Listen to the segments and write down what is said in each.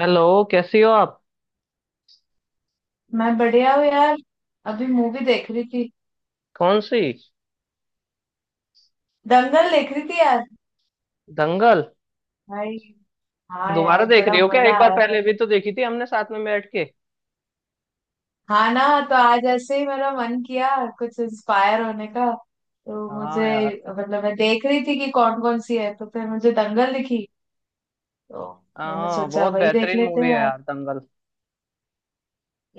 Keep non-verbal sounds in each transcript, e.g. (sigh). Hello. कैसी हो आप? मैं बढ़िया हूँ यार। अभी मूवी देख रही थी। कौन सी? दंगल देख रही थी यार। दंगल? भाई। हाँ दोबारा यार, देख बड़ा रही हो क्या? मजा एक आ बार रहा था पहले भी भाई। तो देखी थी हमने साथ में बैठ के। हाँ ना। तो आज ऐसे ही मेरा मन किया कुछ इंस्पायर होने का। तो हाँ मुझे, यार। मतलब मैं देख रही थी कि कौन कौन सी है, तो फिर मुझे दंगल दिखी। तो मैंने हाँ, सोचा बहुत वही देख बेहतरीन लेते मूवी हैं है यार। यार दंगल।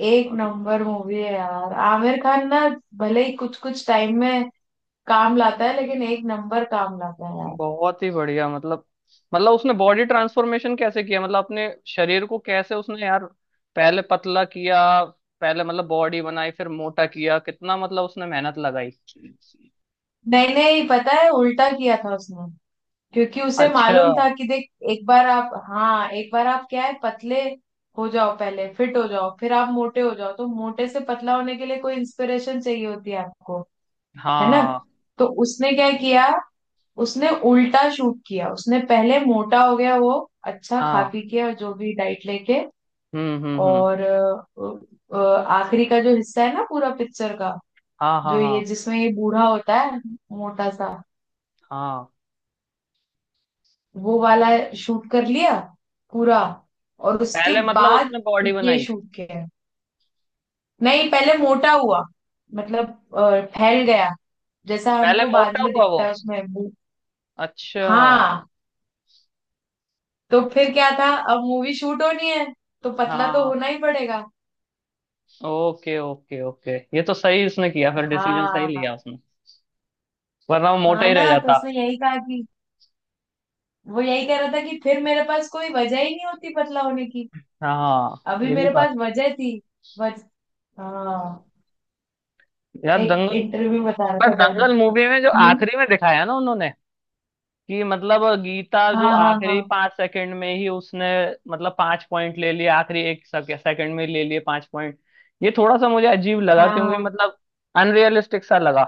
एक मतलब नंबर मूवी है यार, आमिर खान ना, भले ही कुछ कुछ टाइम में काम लाता है, लेकिन एक नंबर काम लाता है यार। बहुत ही बढ़िया। मतलब उसने बॉडी ट्रांसफॉर्मेशन कैसे किया, मतलब अपने शरीर को कैसे उसने यार पहले पतला किया। पहले मतलब बॉडी बनाई, फिर मोटा किया। कितना मतलब उसने मेहनत लगाई। नहीं नहीं, पता है उल्टा किया था उसने। क्योंकि उसे अच्छा। मालूम था कि देख, एक बार आप, हाँ, एक बार आप क्या है, पतले हो जाओ पहले, फिट हो जाओ, फिर आप मोटे हो जाओ, तो मोटे से पतला होने के लिए कोई इंस्पिरेशन चाहिए होती है आपको। है ना? हाँ तो उसने क्या किया, उसने उल्टा शूट किया। उसने पहले मोटा हो गया वो, अच्छा खा हाँ। पी के और जो भी डाइट लेके, हम्म। और आखिरी का जो हिस्सा है ना पूरा पिक्चर का, हाँ हाँ जो हाँ ये जिसमें ये बूढ़ा होता है, मोटा सा, हाँ। वो वाला शूट कर लिया पूरा। और उसके पहले मतलब बाद उसने बॉडी ये बनाई। शूट किया। नहीं, पहले मोटा हुआ, मतलब फैल गया, जैसा पहले हमको बाद मोटा में हुआ वो। दिखता है उसमें अच्छा। हाँ। तो फिर क्या था, अब मूवी शूट होनी है, तो पतला तो हाँ। होना ही पड़ेगा। ओके ओके ओके, ये तो सही उसने किया। फिर डिसीजन सही हाँ। लिया उसने। वरना वो मोटा हाँ ही रह ना, तो जाता। उसने यही कहा कि, वो यही कह रहा था कि फिर मेरे पास कोई वजह ही नहीं होती पतला होने की। हाँ, अभी ये भी मेरे बात। पास वजह थी। वज हाँ। यार एक दंगल। इंटरव्यू बता रहा पर था। दर्द। दंगल मूवी में जो आखिरी में दिखाया ना उन्होंने कि मतलब गीता जो हाँ हाँ आखिरी हाँ। 5 सेकंड में ही उसने मतलब 5 पॉइंट ले लिए, आखिरी 1 सेकंड में ले लिए 5 पॉइंट। ये थोड़ा सा मुझे अजीब लगा, क्योंकि हाँ मतलब अनरियलिस्टिक सा लगा।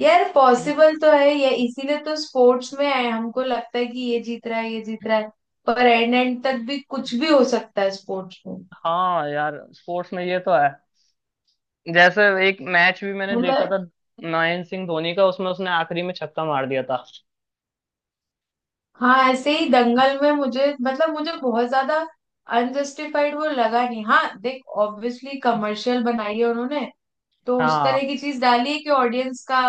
यार, हम्म। पॉसिबल तो है ये, इसीलिए तो स्पोर्ट्स में है, हमको लगता है कि ये जीत रहा है ये जीत रहा है, पर एंड एंड तक भी कुछ भी हो सकता है स्पोर्ट्स में। हाँ यार, स्पोर्ट्स में ये तो है। जैसे एक मैच भी मैंने देखा मतलब था महेंद्र सिंह धोनी का, उसमें उसने आखिरी में छक्का मार दिया था। हाँ, ऐसे ही दंगल में मुझे, मतलब मुझे बहुत ज्यादा अनजस्टिफाइड वो लगा नहीं। हाँ देख, ऑब्वियसली कमर्शियल बनाई है उन्होंने, तो उस तरह हाँ की चीज डाली है कि ऑडियंस का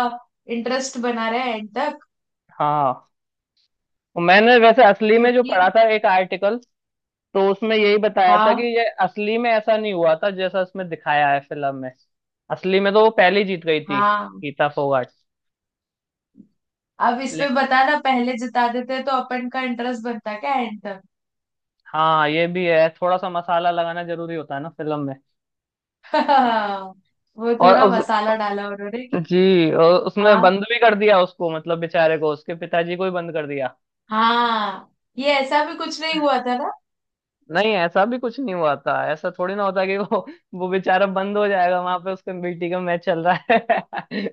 इंटरेस्ट बना रहे एंड तक। हाँ। और मैंने वैसे असली में जो पढ़ा क्योंकि, था एक आर्टिकल, तो उसमें यही बताया था हाँ कि ये असली में ऐसा नहीं हुआ था जैसा इसमें दिखाया है फिल्म में। असली में तो वो पहले ही जीत गई थी, हाँ। गीता फोगाट। अब इस पे ले- बता ना, पहले जिता देते तो अपन का इंटरेस्ट बनता क्या एंड तक। हाँ, ये भी है, थोड़ा सा मसाला लगाना जरूरी होता है ना फिल्म में। (laughs) वो और थोड़ा उस मसाला डाला उन्होंने कि। जी, और उसमें हाँ बंद भी कर दिया उसको, मतलब बेचारे को, उसके पिताजी को ही बंद कर दिया। हाँ। ये ऐसा भी कुछ नहीं हुआ था ना। नहीं, ऐसा भी कुछ नहीं हुआ था, ऐसा थोड़ी ना होता कि वो बेचारा बंद हो जाएगा वहां पे उसका बेटी का मैच चल रहा है। (laughs)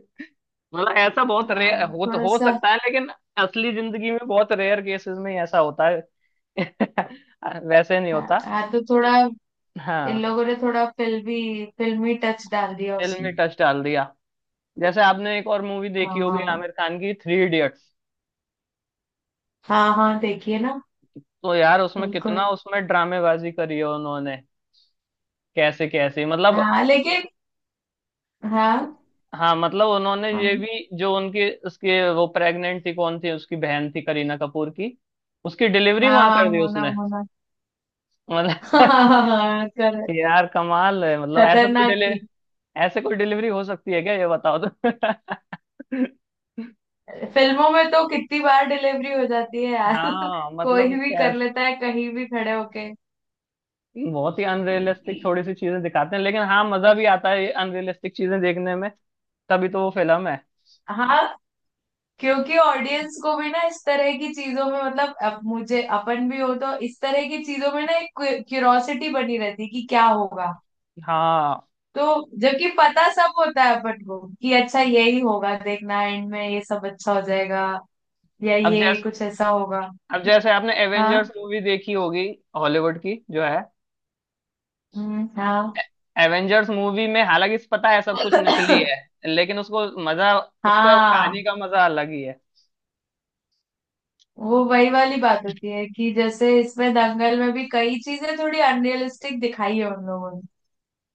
मतलब ऐसा बहुत रेयर हाँ, हो तो थोड़ा हो सा। सकता है, लेकिन असली जिंदगी में बहुत रेयर केसेस में ही ऐसा होता है। (laughs) वैसे नहीं हाँ होता। हाँ, तो थोड़ा, इन हाँ। लोगों ने थोड़ा फिल्मी फिल्मी टच डाल दिया फिल्म में उसमें। टच डाल दिया। जैसे आपने एक और मूवी देखी होगी हाँ आमिर खान की, थ्री इडियट्स। हाँ हाँ, देखिए ना। तो यार उसमें बिल्कुल। कितना उसमें ड्रामेबाजी करी है उन्होंने। कैसे कैसे, मतलब। हाँ, लेकिन हाँ। हाँ, मतलब उन्होंने ये हाँ भी जो उनकी उसके वो प्रेग्नेंट थी, कौन थी उसकी बहन थी, करीना कपूर की। उसकी डिलीवरी हाँ वहां कर हाँ, दी मोना उसने। मोना। (laughs) हाँ। मतलब। हाँ हाँ, (laughs) यार कमाल है, मतलब ऐसा कोई खतरनाक डिले थी। ऐसे कोई डिलीवरी हो सकती है क्या ये बताओ तो। (laughs) फिल्मों में तो कितनी बार डिलीवरी हो जाती है यार। हाँ (laughs) कोई मतलब भी क्या। कर लेता है कहीं भी खड़े होके। बहुत ही अनरियलिस्टिक थोड़ी सी चीजें दिखाते हैं, लेकिन हाँ, मजा भी आता है ये अनरियलिस्टिक चीजें देखने में। तभी तो वो फिल्म है। हाँ, क्योंकि ऑडियंस को भी ना, इस तरह की चीजों में, मतलब अब मुझे अपन भी हो तो इस तरह की चीजों में ना, एक क्यूरोसिटी बनी रहती है कि क्या होगा, हाँ। तो जबकि पता सब होता है अपन को कि अच्छा यही होगा, देखना एंड में ये सब अच्छा हो जाएगा, या अब ये जैसे कुछ ऐसा होगा। अब जैसे आपने हाँ। एवेंजर्स मूवी देखी होगी, हॉलीवुड की जो है। हाँ। एवेंजर्स मूवी में हालांकि इस पता है सब कुछ नकली (laughs) है, लेकिन उसको मजा उसका हाँ, कहानी का मजा अलग ही है। वो वही वाली बात होती है कि जैसे इसमें दंगल में भी कई चीजें थोड़ी अनरियलिस्टिक दिखाई है उन लोगों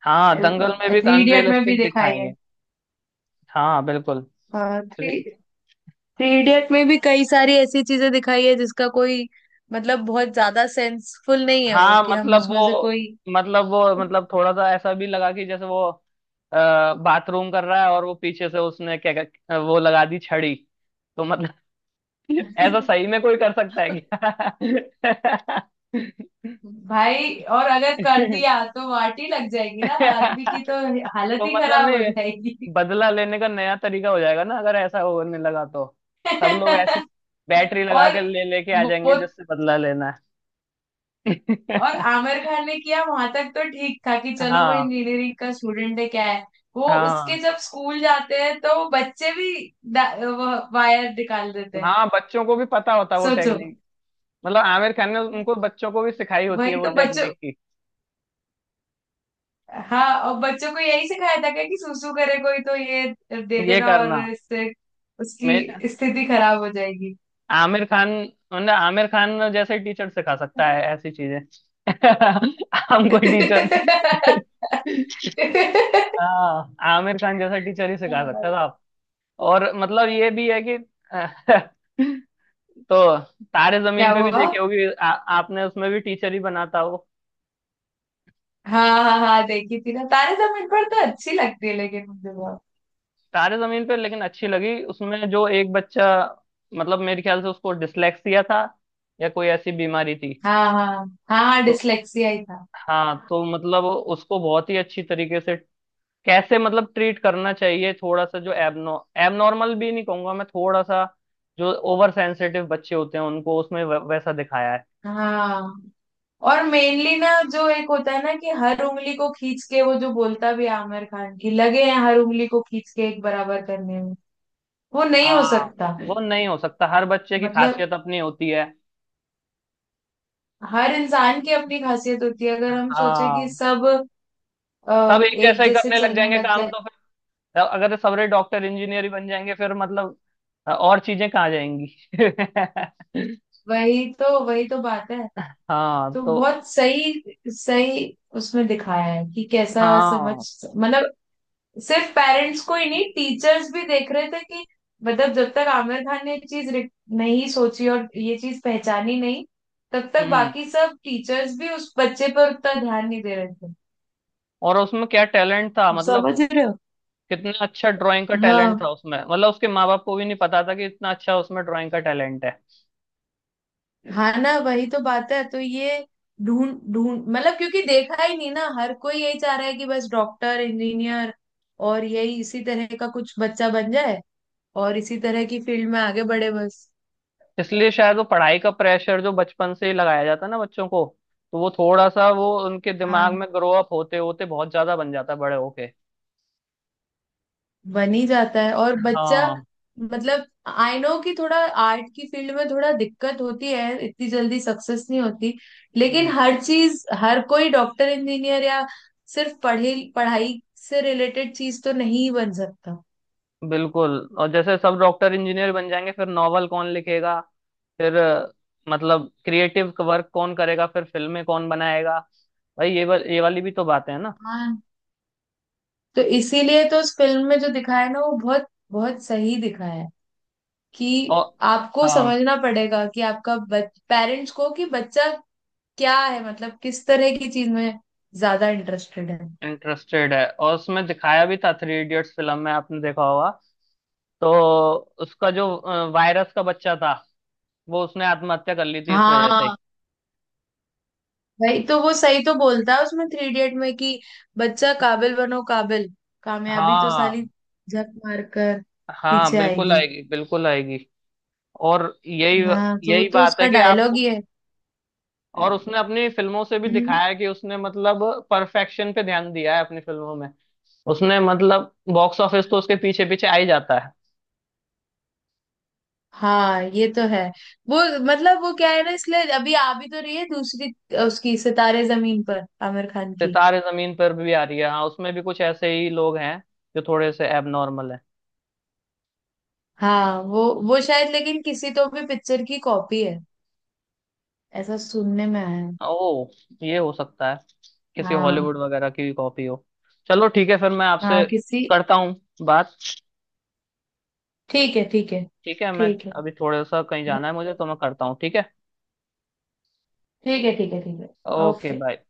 हाँ दंगल में ने, भी थ्री इडियट में भी अनरियलिस्टिक दिखाई दिखाई है। है। हाँ बिल्कुल। हाँ, रे- थ्री थ्री इडियट में भी कई सारी ऐसी चीजें दिखाई है जिसका कोई मतलब बहुत ज्यादा सेंसफुल नहीं है वो, हाँ, कि हम मतलब उसमें से वो कोई। मतलब वो मतलब थोड़ा सा ऐसा भी लगा कि जैसे वो बाथरूम कर रहा है और वो पीछे से उसने क्या क्या- वो लगा दी छड़ी। तो मतलब। (laughs) ऐसा सही में (laughs) कोई कर सकता है क्या? भाई, और अगर कर दिया तो वाटी लग जाएगी ना आदमी की, (laughs) तो तो हालत ही मतलब खराब हो नहीं, जाएगी। बदला लेने का नया तरीका हो जाएगा ना अगर ऐसा होने लगा तो। सब लोग ऐसे (laughs) बैटरी लगा और कर ले लेके आ वो जाएंगे वो जिससे बदला लेना है। और (laughs) आमिर खान ने किया वहां तक तो ठीक था कि चलो, वो हाँ इंजीनियरिंग का स्टूडेंट है क्या है, वो उसके हाँ। जब स्कूल जाते हैं तो बच्चे भी वायर निकाल देते हैं, हाँ, बच्चों को भी पता होता है वो सोचो। टेक्निक। मतलब आमिर खान ने उनको बच्चों को भी सिखाई होती है वही वो तो बच्चों, टेक्निक की हाँ, और बच्चों को यही सिखाया था क्या कि सुसु करे कोई तो ये दे ये देना, और करना। इससे मैं उसकी स्थिति खराब हो जाएगी। आमिर खान मतलब आमिर खान जैसे टीचर सिखा सकता है ऐसी चीजें। (laughs) हम कोई टीचर। (laughs) (laughs) हाँ, आमिर खान जैसा टीचर ही सिखा सकता था। और मतलब ये भी है कि। (laughs) तो तारे क्या जमीन पे भी हुआ। देखी होगी आपने, उसमें भी टीचर ही बना था वो। हाँ हाँ हाँ, देखी थी ना तारे जमीन पर, तो अच्छी लगती है लेकिन मुझे बहुत, तारे जमीन पे, लेकिन अच्छी लगी उसमें जो एक बच्चा, मतलब मेरे ख्याल से उसको डिसलेक्सिया था या कोई ऐसी बीमारी थी। हाँ हाँ। हाँ, तो डिसलेक्सिया ही था। हाँ, तो मतलब उसको बहुत ही अच्छी तरीके से कैसे मतलब ट्रीट करना चाहिए। थोड़ा सा जो एबनो एबनॉर्मल भी नहीं कहूंगा मैं, थोड़ा सा जो ओवर सेंसिटिव बच्चे होते हैं उनको उसमें वैसा दिखाया है। हाँ, और मेनली ना जो एक होता है ना कि हर उंगली को खींच के, वो जो बोलता भी है आमिर खान की लगे हैं हर उंगली को खींच के एक बराबर करने में, वो नहीं हो हाँ। सकता। वो नहीं हो सकता, हर बच्चे की मतलब खासियत अपनी होती है। हर इंसान की अपनी खासियत होती है, अगर हम सोचे कि हाँ। सब सब एक एक जैसा ही जैसे करने लग चलने जाएंगे लग काम जाए, तो फिर, अगर सबरे डॉक्टर इंजीनियर ही बन जाएंगे फिर मतलब और चीजें कहाँ जाएंगी। (laughs) वही तो बात है। हाँ तो तो। बहुत सही सही उसमें दिखाया है कि कैसा समझ, हाँ। मतलब सिर्फ पेरेंट्स को ही नहीं, टीचर्स भी देख रहे थे कि, मतलब जब तक आमिर खान ने ये चीज नहीं सोची और ये चीज पहचानी नहीं, तब तक हम्म। बाकी सब टीचर्स भी उस बच्चे पर उतना ध्यान नहीं दे रहे थे। और उसमें क्या टैलेंट था, मतलब समझ रहे हो? कितना अच्छा ड्राइंग का टैलेंट था हाँ। उसमें, मतलब उसके माँ बाप को भी नहीं पता था कि इतना अच्छा उसमें ड्राइंग का टैलेंट है। हाँ ना, वही तो बात है। तो ये ढूंढ ढूंढ, मतलब क्योंकि देखा ही नहीं ना, हर कोई यही चाह रहा है कि बस डॉक्टर इंजीनियर, और यही, इसी तरह का कुछ बच्चा बन जाए, और इसी तरह की फील्ड में आगे बढ़े बस, इसलिए शायद वो पढ़ाई का प्रेशर जो बचपन से ही लगाया जाता है ना बच्चों को, तो वो थोड़ा सा वो उनके दिमाग में ग्रो अप होते होते बहुत ज्यादा बन जाता है बड़े होके। बन ही जाता है। और बच्चा, हाँ। मतलब आई नो कि थोड़ा, आर्ट की फील्ड में थोड़ा दिक्कत होती है, इतनी जल्दी सक्सेस नहीं होती, लेकिन हम्म, हर चीज, हर कोई डॉक्टर इंजीनियर या सिर्फ पढ़े पढ़ाई से रिलेटेड चीज तो नहीं बन सकता। बिल्कुल। और जैसे सब डॉक्टर इंजीनियर बन जाएंगे, फिर नॉवल कौन लिखेगा? फिर मतलब क्रिएटिव वर्क कौन करेगा, फिर फिल्में कौन बनाएगा? भाई ये ये वाली भी तो बातें हैं ना। हाँ। तो इसीलिए तो उस फिल्म में जो दिखाया है ना, वो बहुत बहुत सही दिखाया है कि और। आपको हाँ। समझना पड़ेगा, कि आपका, पेरेंट्स को कि बच्चा क्या है, मतलब किस तरह की चीज में ज्यादा इंटरेस्टेड है। इंटरेस्टेड है, और उसमें दिखाया भी था थ्री इडियट्स फिल्म में आपने देखा होगा। तो उसका जो वायरस का बच्चा था, वो उसने आत्महत्या कर ली थी इस वजह से। हाँ। भाई, तो वो सही तो बोलता है उसमें थ्री इडियट में कि बच्चा काबिल बनो काबिल, कामयाबी तो साली हाँ। झक मार कर हाँ पीछे बिल्कुल आएगी। आएगी, बिल्कुल आएगी। और यही हाँ, तो वो यही तो बात उसका है कि डायलॉग आपको। ही है। और उसने अपनी फिल्मों से भी हम्म। दिखाया है कि उसने मतलब परफेक्शन पे ध्यान दिया है अपनी फिल्मों में। उसने मतलब बॉक्स ऑफिस तो उसके पीछे पीछे आ ही जाता है। हाँ, ये तो है। वो, मतलब वो क्या है ना, इसलिए अभी आ भी तो रही है दूसरी उसकी, सितारे जमीन पर आमिर खान की। सितारे जमीन पर भी आ रही है। हाँ, उसमें भी कुछ ऐसे ही लोग हैं जो थोड़े से एबनॉर्मल हैं। हाँ, वो शायद, लेकिन किसी तो भी पिक्चर की कॉपी है, ऐसा सुनने में आया है। ओ। ये हो सकता है किसी हॉलीवुड हाँ वगैरह की कॉपी हो। चलो ठीक है, फिर मैं हाँ, आपसे किसी। करता हूँ बात। ठीक है, ठीक है। ठीक है, मैं ठीक है। अभी थोड़ा सा कहीं जाना है मुझे, तो मैं करता हूँ, ठीक है। ठीक है, ठीक है, ठीक है। Okay okay. बाय।